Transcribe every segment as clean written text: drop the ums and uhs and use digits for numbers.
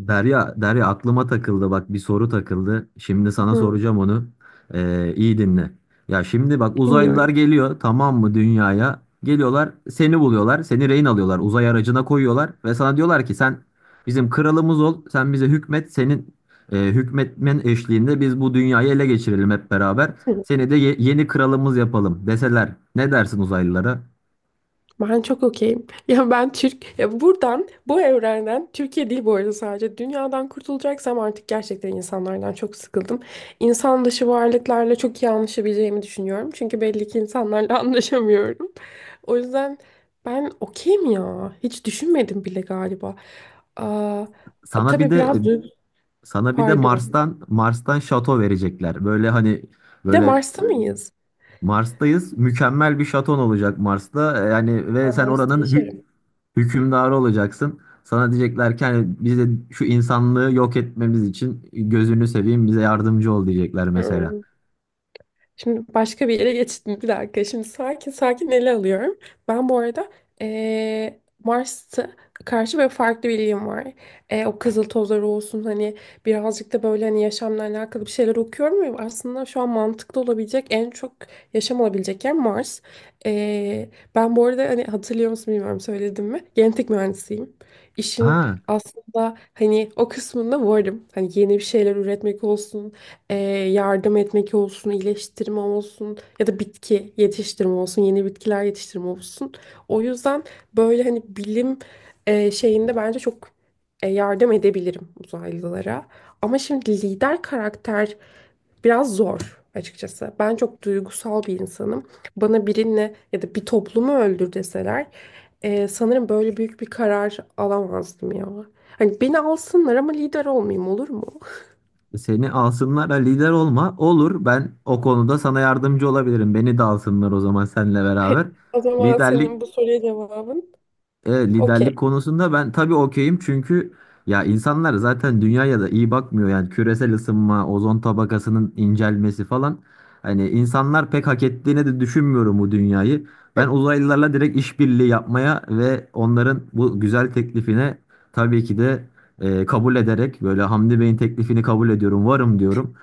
Derya aklıma takıldı, bak, bir soru takıldı. Şimdi sana Hı. soracağım onu. İyi dinle. Ya şimdi bak, uzaylılar Bilmiyorum. geliyor, tamam mı, dünyaya? Geliyorlar, seni buluyorlar. Seni rehin alıyorlar. Uzay aracına koyuyorlar. Ve sana diyorlar ki sen bizim kralımız ol. Sen bize hükmet. Senin hükmetmen eşliğinde biz bu dünyayı ele geçirelim hep beraber. Hı. Seni de yeni kralımız yapalım deseler. Ne dersin uzaylılara? Ben çok okeyim. Ya ben Türk, ya buradan, bu evrenden, Türkiye değil bu arada sadece, dünyadan kurtulacaksam artık gerçekten insanlardan çok sıkıldım. İnsan dışı varlıklarla çok iyi anlaşabileceğimi düşünüyorum. Çünkü belli ki insanlarla anlaşamıyorum. O yüzden ben okeyim ya. Hiç düşünmedim bile galiba. Aa, Sana bir tabii de e, biraz duygu, sana bir de pardon. Mars'tan şato verecekler. Böyle hani Bir de böyle Mars'ta mıyız? Mars'tayız. Mükemmel bir şaton olacak Mars'ta. Yani Aa, ve sen Mars'ta oranın yaşarım. hükümdarı olacaksın. Sana diyecekler ki hani biz de şu insanlığı yok etmemiz için gözünü seveyim bize yardımcı ol, diyecekler mesela. Hı. Şimdi başka bir yere geçtim. Bir dakika. Şimdi sakin sakin ele alıyorum. Ben bu arada Mars'a karşı böyle farklı bir ilgim var. O kızıl tozları olsun, hani birazcık da böyle hani yaşamla alakalı bir şeyler okuyorum ve aslında şu an mantıklı olabilecek, en çok yaşam olabilecek yer Mars. Eee, Ben bu arada, hani, hatırlıyor musun bilmiyorum, söyledim mi? Genetik mühendisiyim. İşin Ha, aslında hani o kısmında varım. Hani yeni bir şeyler üretmek olsun, e, yardım etmek olsun, iyileştirme olsun ya da bitki yetiştirme olsun, yeni bitkiler yetiştirme olsun. O yüzden böyle hani bilim şeyinde bence çok yardım edebilirim uzaylılara. Ama şimdi lider karakter biraz zor açıkçası. Ben çok duygusal bir insanım. Bana birini ya da bir toplumu öldür deseler, sanırım böyle büyük bir karar alamazdım ya. Hani beni alsınlar ama lider olmayayım, olur mu? seni alsınlar ha, lider olma. Olur, ben o konuda sana yardımcı olabilirim. Beni de alsınlar o zaman seninle beraber. O zaman Liderlik senin bu soruya cevabın Evet, okey. liderlik konusunda ben tabii okeyim, çünkü ya insanlar zaten dünyaya da iyi bakmıyor, yani küresel ısınma, ozon tabakasının incelmesi falan. Hani insanlar pek hak ettiğini de düşünmüyorum bu dünyayı. Ben uzaylılarla direkt işbirliği yapmaya ve onların bu güzel teklifine tabii ki de kabul ederek, böyle Hamdi Bey'in teklifini kabul ediyorum, varım diyorum.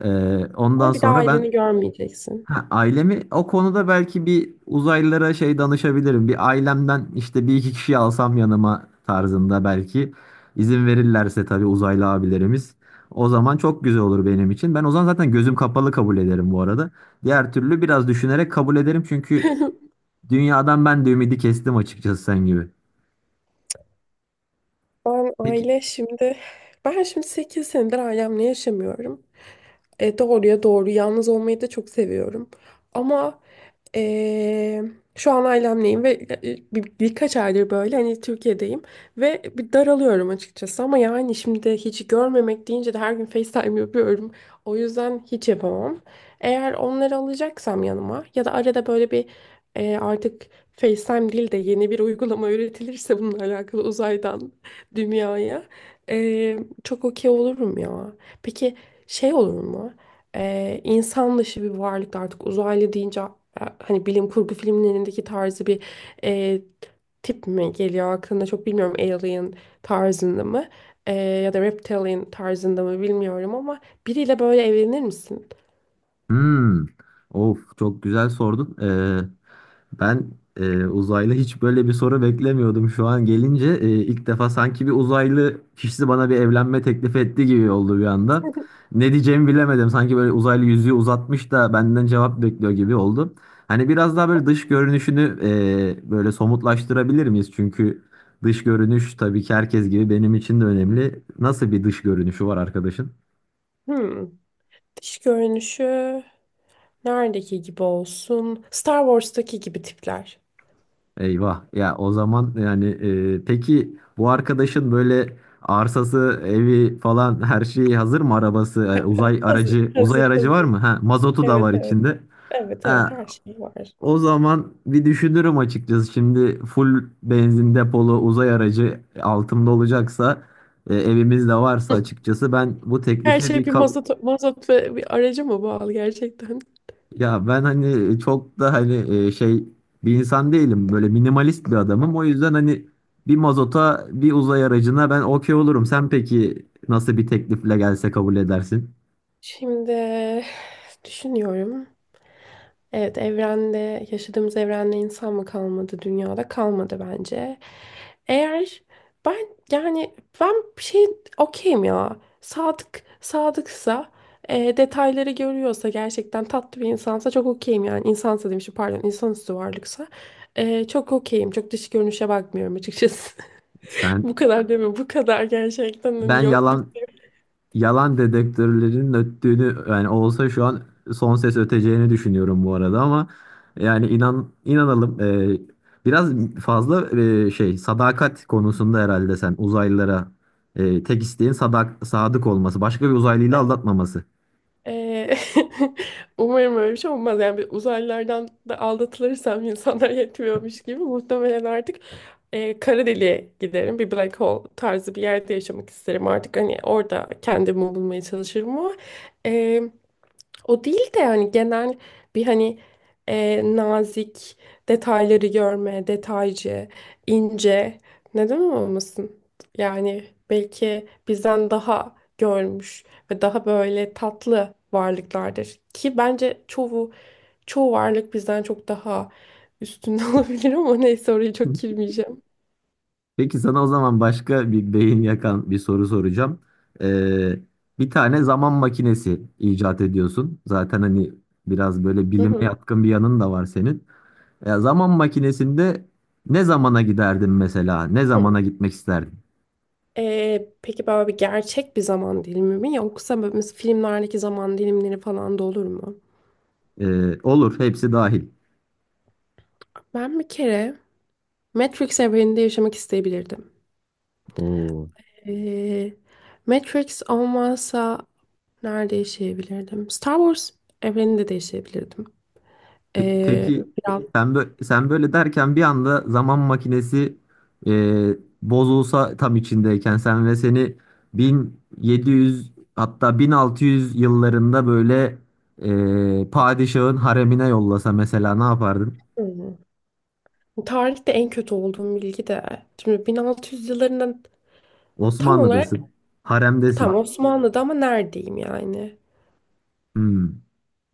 E, Ondan Ama bir daha sonra ben. aileni görmeyeceksin. Ha, ailemi o konuda belki bir uzaylılara şey danışabilirim. Bir ailemden işte bir iki kişi alsam yanıma tarzında belki, izin verirlerse tabii uzaylı abilerimiz. O zaman çok güzel olur benim için. Ben o zaman zaten gözüm kapalı kabul ederim bu arada. Diğer türlü biraz düşünerek kabul ederim, çünkü dünyadan ben de ümidi kestim açıkçası, sen gibi. Ben Peki. aile şimdi ben şimdi 8 senedir ailemle yaşamıyorum. Doğruya doğru, yalnız olmayı da çok seviyorum. Ama e, şu an ailemleyim ve birkaç aydır böyle hani Türkiye'deyim ve bir daralıyorum açıkçası, ama yani şimdi hiç görmemek deyince de her gün FaceTime yapıyorum. O yüzden hiç yapamam. Eğer onları alacaksam yanıma, ya da arada böyle bir, artık FaceTime değil de yeni bir uygulama üretilirse bununla alakalı, uzaydan dünyaya. Ee, Çok okey olurum ya. Peki şey olur mu? İnsan dışı bir varlık, artık uzaylı deyince, hani bilim kurgu filmlerindeki tarzı bir e, tip mi geliyor aklına, çok bilmiyorum, alien tarzında mı, ya da reptilian tarzında mı bilmiyorum, ama biriyle böyle evlenir misin? Hmm. Of, çok güzel sordun. Ben uzaylı hiç böyle bir soru beklemiyordum. Şu an gelince ilk defa sanki bir uzaylı kişisi bana bir evlenme teklif etti gibi oldu bir anda. Ne diyeceğimi bilemedim. Sanki böyle uzaylı yüzüğü uzatmış da benden cevap bekliyor gibi oldu. Hani biraz daha böyle dış görünüşünü böyle somutlaştırabilir miyiz? Çünkü dış görünüş tabii ki herkes gibi benim için de önemli. Nasıl bir dış görünüşü var arkadaşın? Hmm. Dış görünüşü neredeki gibi olsun? Star Wars'taki gibi tipler. Eyvah. Ya o zaman yani peki bu arkadaşın böyle arsası, evi falan her şeyi hazır mı? Arabası, uzay Hazır, aracı, uzay hazır, aracı var hazır. mı? Ha, mazotu da Evet, var evet. içinde. Evet, evet, Ha, her şey var. o zaman bir düşünürüm açıkçası. Şimdi full benzin depolu uzay aracı altımda olacaksa, evimiz de varsa, açıkçası ben bu Her teklifi şey bir bir ka-. mazot, mazot ve bir araca mı bağlı gerçekten? Ya ben hani çok da hani şey bir insan değilim. Böyle minimalist bir adamım. O yüzden hani bir mazota, bir uzay aracına ben okey olurum. Sen peki nasıl bir teklifle gelse kabul edersin? Şimdi düşünüyorum. Evet, evrende, yaşadığımız evrende insan mı kalmadı dünyada? Kalmadı bence. Eğer ben, yani ben bir şey, okeyim ya. Sadıksa, detayları görüyorsa, gerçekten tatlı bir insansa, çok okeyim yani. İnsansa demişim, pardon, insanüstü varlıksa, çok okeyim. Çok dış görünüşe bakmıyorum açıkçası. Sen, Bu kadar deme, bu kadar gerçekten ben hani yokluk. yalan dedektörlerin öttüğünü, yani olsa şu an son ses öteceğini düşünüyorum bu arada. Ama yani inanalım, biraz fazla şey, sadakat konusunda herhalde sen uzaylılara, tek isteğin sadık olması, başka bir uzaylıyla aldatmaması. Ee, umarım öyle bir şey olmaz. Yani bir uzaylılardan da aldatılırsam, insanlar yetmiyormuş gibi, muhtemelen artık kara deliğe giderim. Bir black hole tarzı bir yerde yaşamak isterim artık. Hani orada kendimi bulmaya çalışırım ama e, o değil de hani genel bir hani nazik, detayları görme, detaycı, ince, neden olmasın? Yani belki bizden daha görmüş ve daha böyle tatlı varlıklardır. Ki bence çoğu varlık bizden çok daha üstünde olabilir, ama neyse, orayı çok girmeyeceğim. Peki sana o zaman başka bir beyin yakan bir soru soracağım. E, Bir tane zaman makinesi icat ediyorsun. Zaten hani biraz böyle Hı bilime hı. yatkın bir yanın da var senin. Ya zaman makinesinde ne zamana giderdin mesela? Ne Hı. zamana gitmek isterdin? Peki böyle bir gerçek bir zaman dilimi mi, yoksa böyle mesela filmlerdeki zaman dilimleri falan da olur mu? Olur, hepsi dahil. Ben bir kere Matrix evreninde yaşamak isteyebilirdim. Oo. Ee, Matrix olmazsa nerede yaşayabilirdim? Star Wars evreninde de yaşayabilirdim. Ee, Peki biraz sen böyle, derken bir anda zaman makinesi bozulsa tam içindeyken sen, ve seni 1700 hatta 1600 yıllarında böyle padişahın haremine yollasa mesela, ne yapardın? Hmm. Tarihte en kötü olduğum bilgi de, şimdi 1600 yıllarından tam olarak, Osmanlı'dasın, tam haremdesin. Osmanlı'da ama neredeyim yani? Hmm.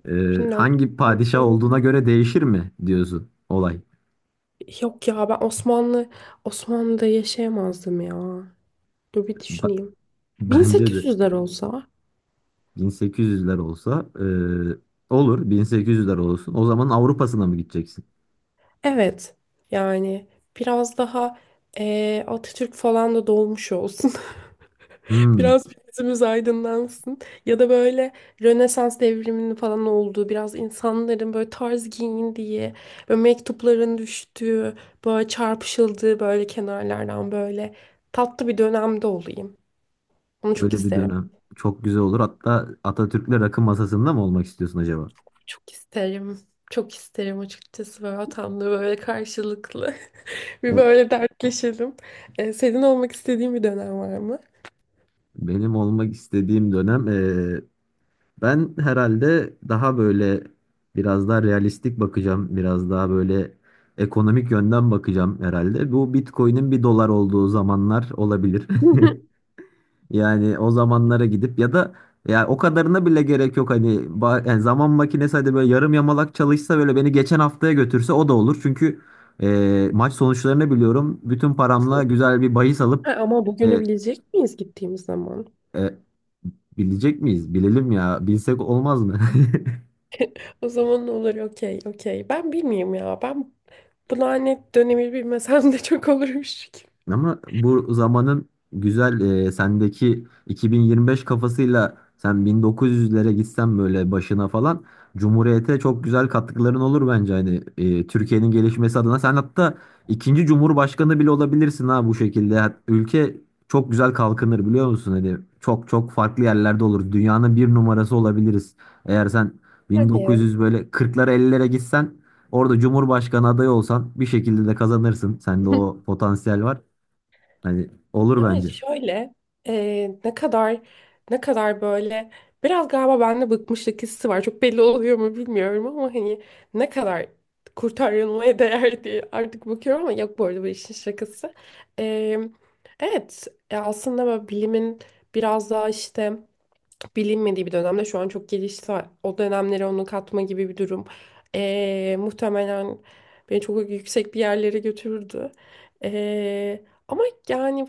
Hangi 1400 padişah olduğuna göre değişir mi diyorsun olay. Yok ya, ben Osmanlı'da yaşayamazdım ya. Dur bir Ba- düşüneyim. Bence de 1800'ler olsa, 1800'ler olsa, olur, 1800'ler olsun. O zaman Avrupa'sına mı gideceksin? evet yani, biraz daha Atatürk falan da dolmuş olsun. Hmm, Biraz gözümüz aydınlansın. Ya da böyle Rönesans devriminin falan olduğu, biraz insanların böyle tarz giyindiği, böyle mektupların düştüğü, böyle çarpışıldığı, böyle kenarlardan, böyle tatlı bir dönemde olayım. Onu çok öyle bir isterim. dönem. Çok güzel olur. Hatta Atatürk'le rakı masasında mı olmak istiyorsun acaba? Çok isterim. Çok isterim açıkçası, böyle atamla böyle karşılıklı. Bir O, böyle dertleşelim. Senin olmak istediğin bir dönem var mı? benim olmak istediğim dönem. Ben herhalde daha böyle biraz daha realistik bakacağım. Biraz daha böyle ekonomik yönden bakacağım herhalde. Bu Bitcoin'in 1 dolar olduğu zamanlar olabilir. Yani o zamanlara gidip, ya da ya o kadarına bile gerek yok hani, ba-, yani zaman makinesi hadi böyle yarım yamalak çalışsa, böyle beni geçen haftaya götürse o da olur. Çünkü maç sonuçlarını biliyorum. Bütün paramla güzel bir bahis Ha, alıp. ama bugünü e, bilecek miyiz gittiğimiz zaman? e, Bilecek miyiz? Bilelim ya. Bilsek olmaz mı? O zaman ne olur, okey okey. Ben bilmiyorum ya. Ben bu lanet dönemi bilmesem de çok olurmuş. Ama bu zamanın güzel, sendeki 2025 kafasıyla sen 1900'lere gitsen, böyle başına falan, Cumhuriyete çok güzel katkıların olur bence, hani Türkiye'nin gelişmesi adına. Sen hatta ikinci Cumhurbaşkanı bile olabilirsin ha, bu şekilde. Ülke çok güzel kalkınır, biliyor musun? Hani çok çok farklı yerlerde olur. Dünyanın bir numarası olabiliriz. Eğer sen Hadi. 1900, böyle 40'lara 50'lere gitsen, orada Cumhurbaşkanı adayı olsan, bir şekilde de kazanırsın. Sende o potansiyel var. Hani olur Yani bence. şöyle, ne kadar böyle, biraz galiba bende bıkmışlık hissi var. Çok belli oluyor mu bilmiyorum, ama hani, ne kadar kurtarılmaya değer diye artık bakıyorum, ama yok bu arada, bu işin şakası. E, evet, aslında böyle bilimin biraz daha işte bilinmediği bir dönemde, şu an çok gelişti. O dönemlere onu katma gibi bir durum. Muhtemelen beni çok yüksek bir yerlere götürürdü. Ee, Ama yani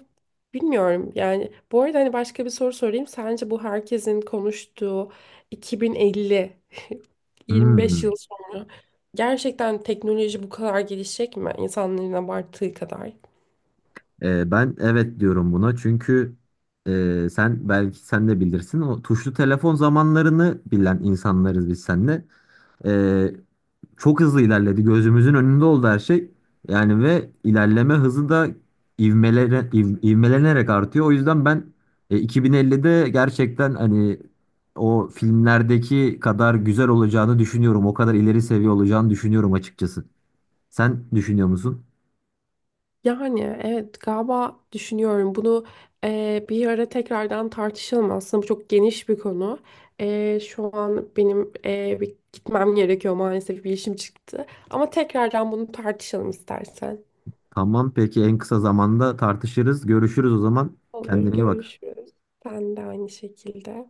bilmiyorum. Yani bu arada hani, başka bir soru sorayım. Sence bu herkesin konuştuğu 2050, 25 yıl Hmm. sonra, gerçekten teknoloji bu kadar gelişecek mi? İnsanların abarttığı kadar. Ben evet diyorum buna, çünkü sen belki, sen de bilirsin, o tuşlu telefon zamanlarını bilen insanlarız biz seninle. Ee, Çok hızlı ilerledi, gözümüzün önünde oldu her şey. Yani ve ilerleme hızı da ivmelere, ivmelenerek artıyor. O yüzden ben 2050'de gerçekten hani o filmlerdeki kadar güzel olacağını düşünüyorum. O kadar ileri seviye olacağını düşünüyorum açıkçası. Sen düşünüyor musun? Yani evet, galiba düşünüyorum bunu, bir ara tekrardan tartışalım, aslında bu çok geniş bir konu. Şu an benim bir gitmem gerekiyor maalesef, bir işim çıktı, ama tekrardan bunu tartışalım istersen. Tamam, peki, en kısa zamanda tartışırız. Görüşürüz o zaman. Olur, Kendine iyi bak. görüşürüz. Ben de aynı şekilde.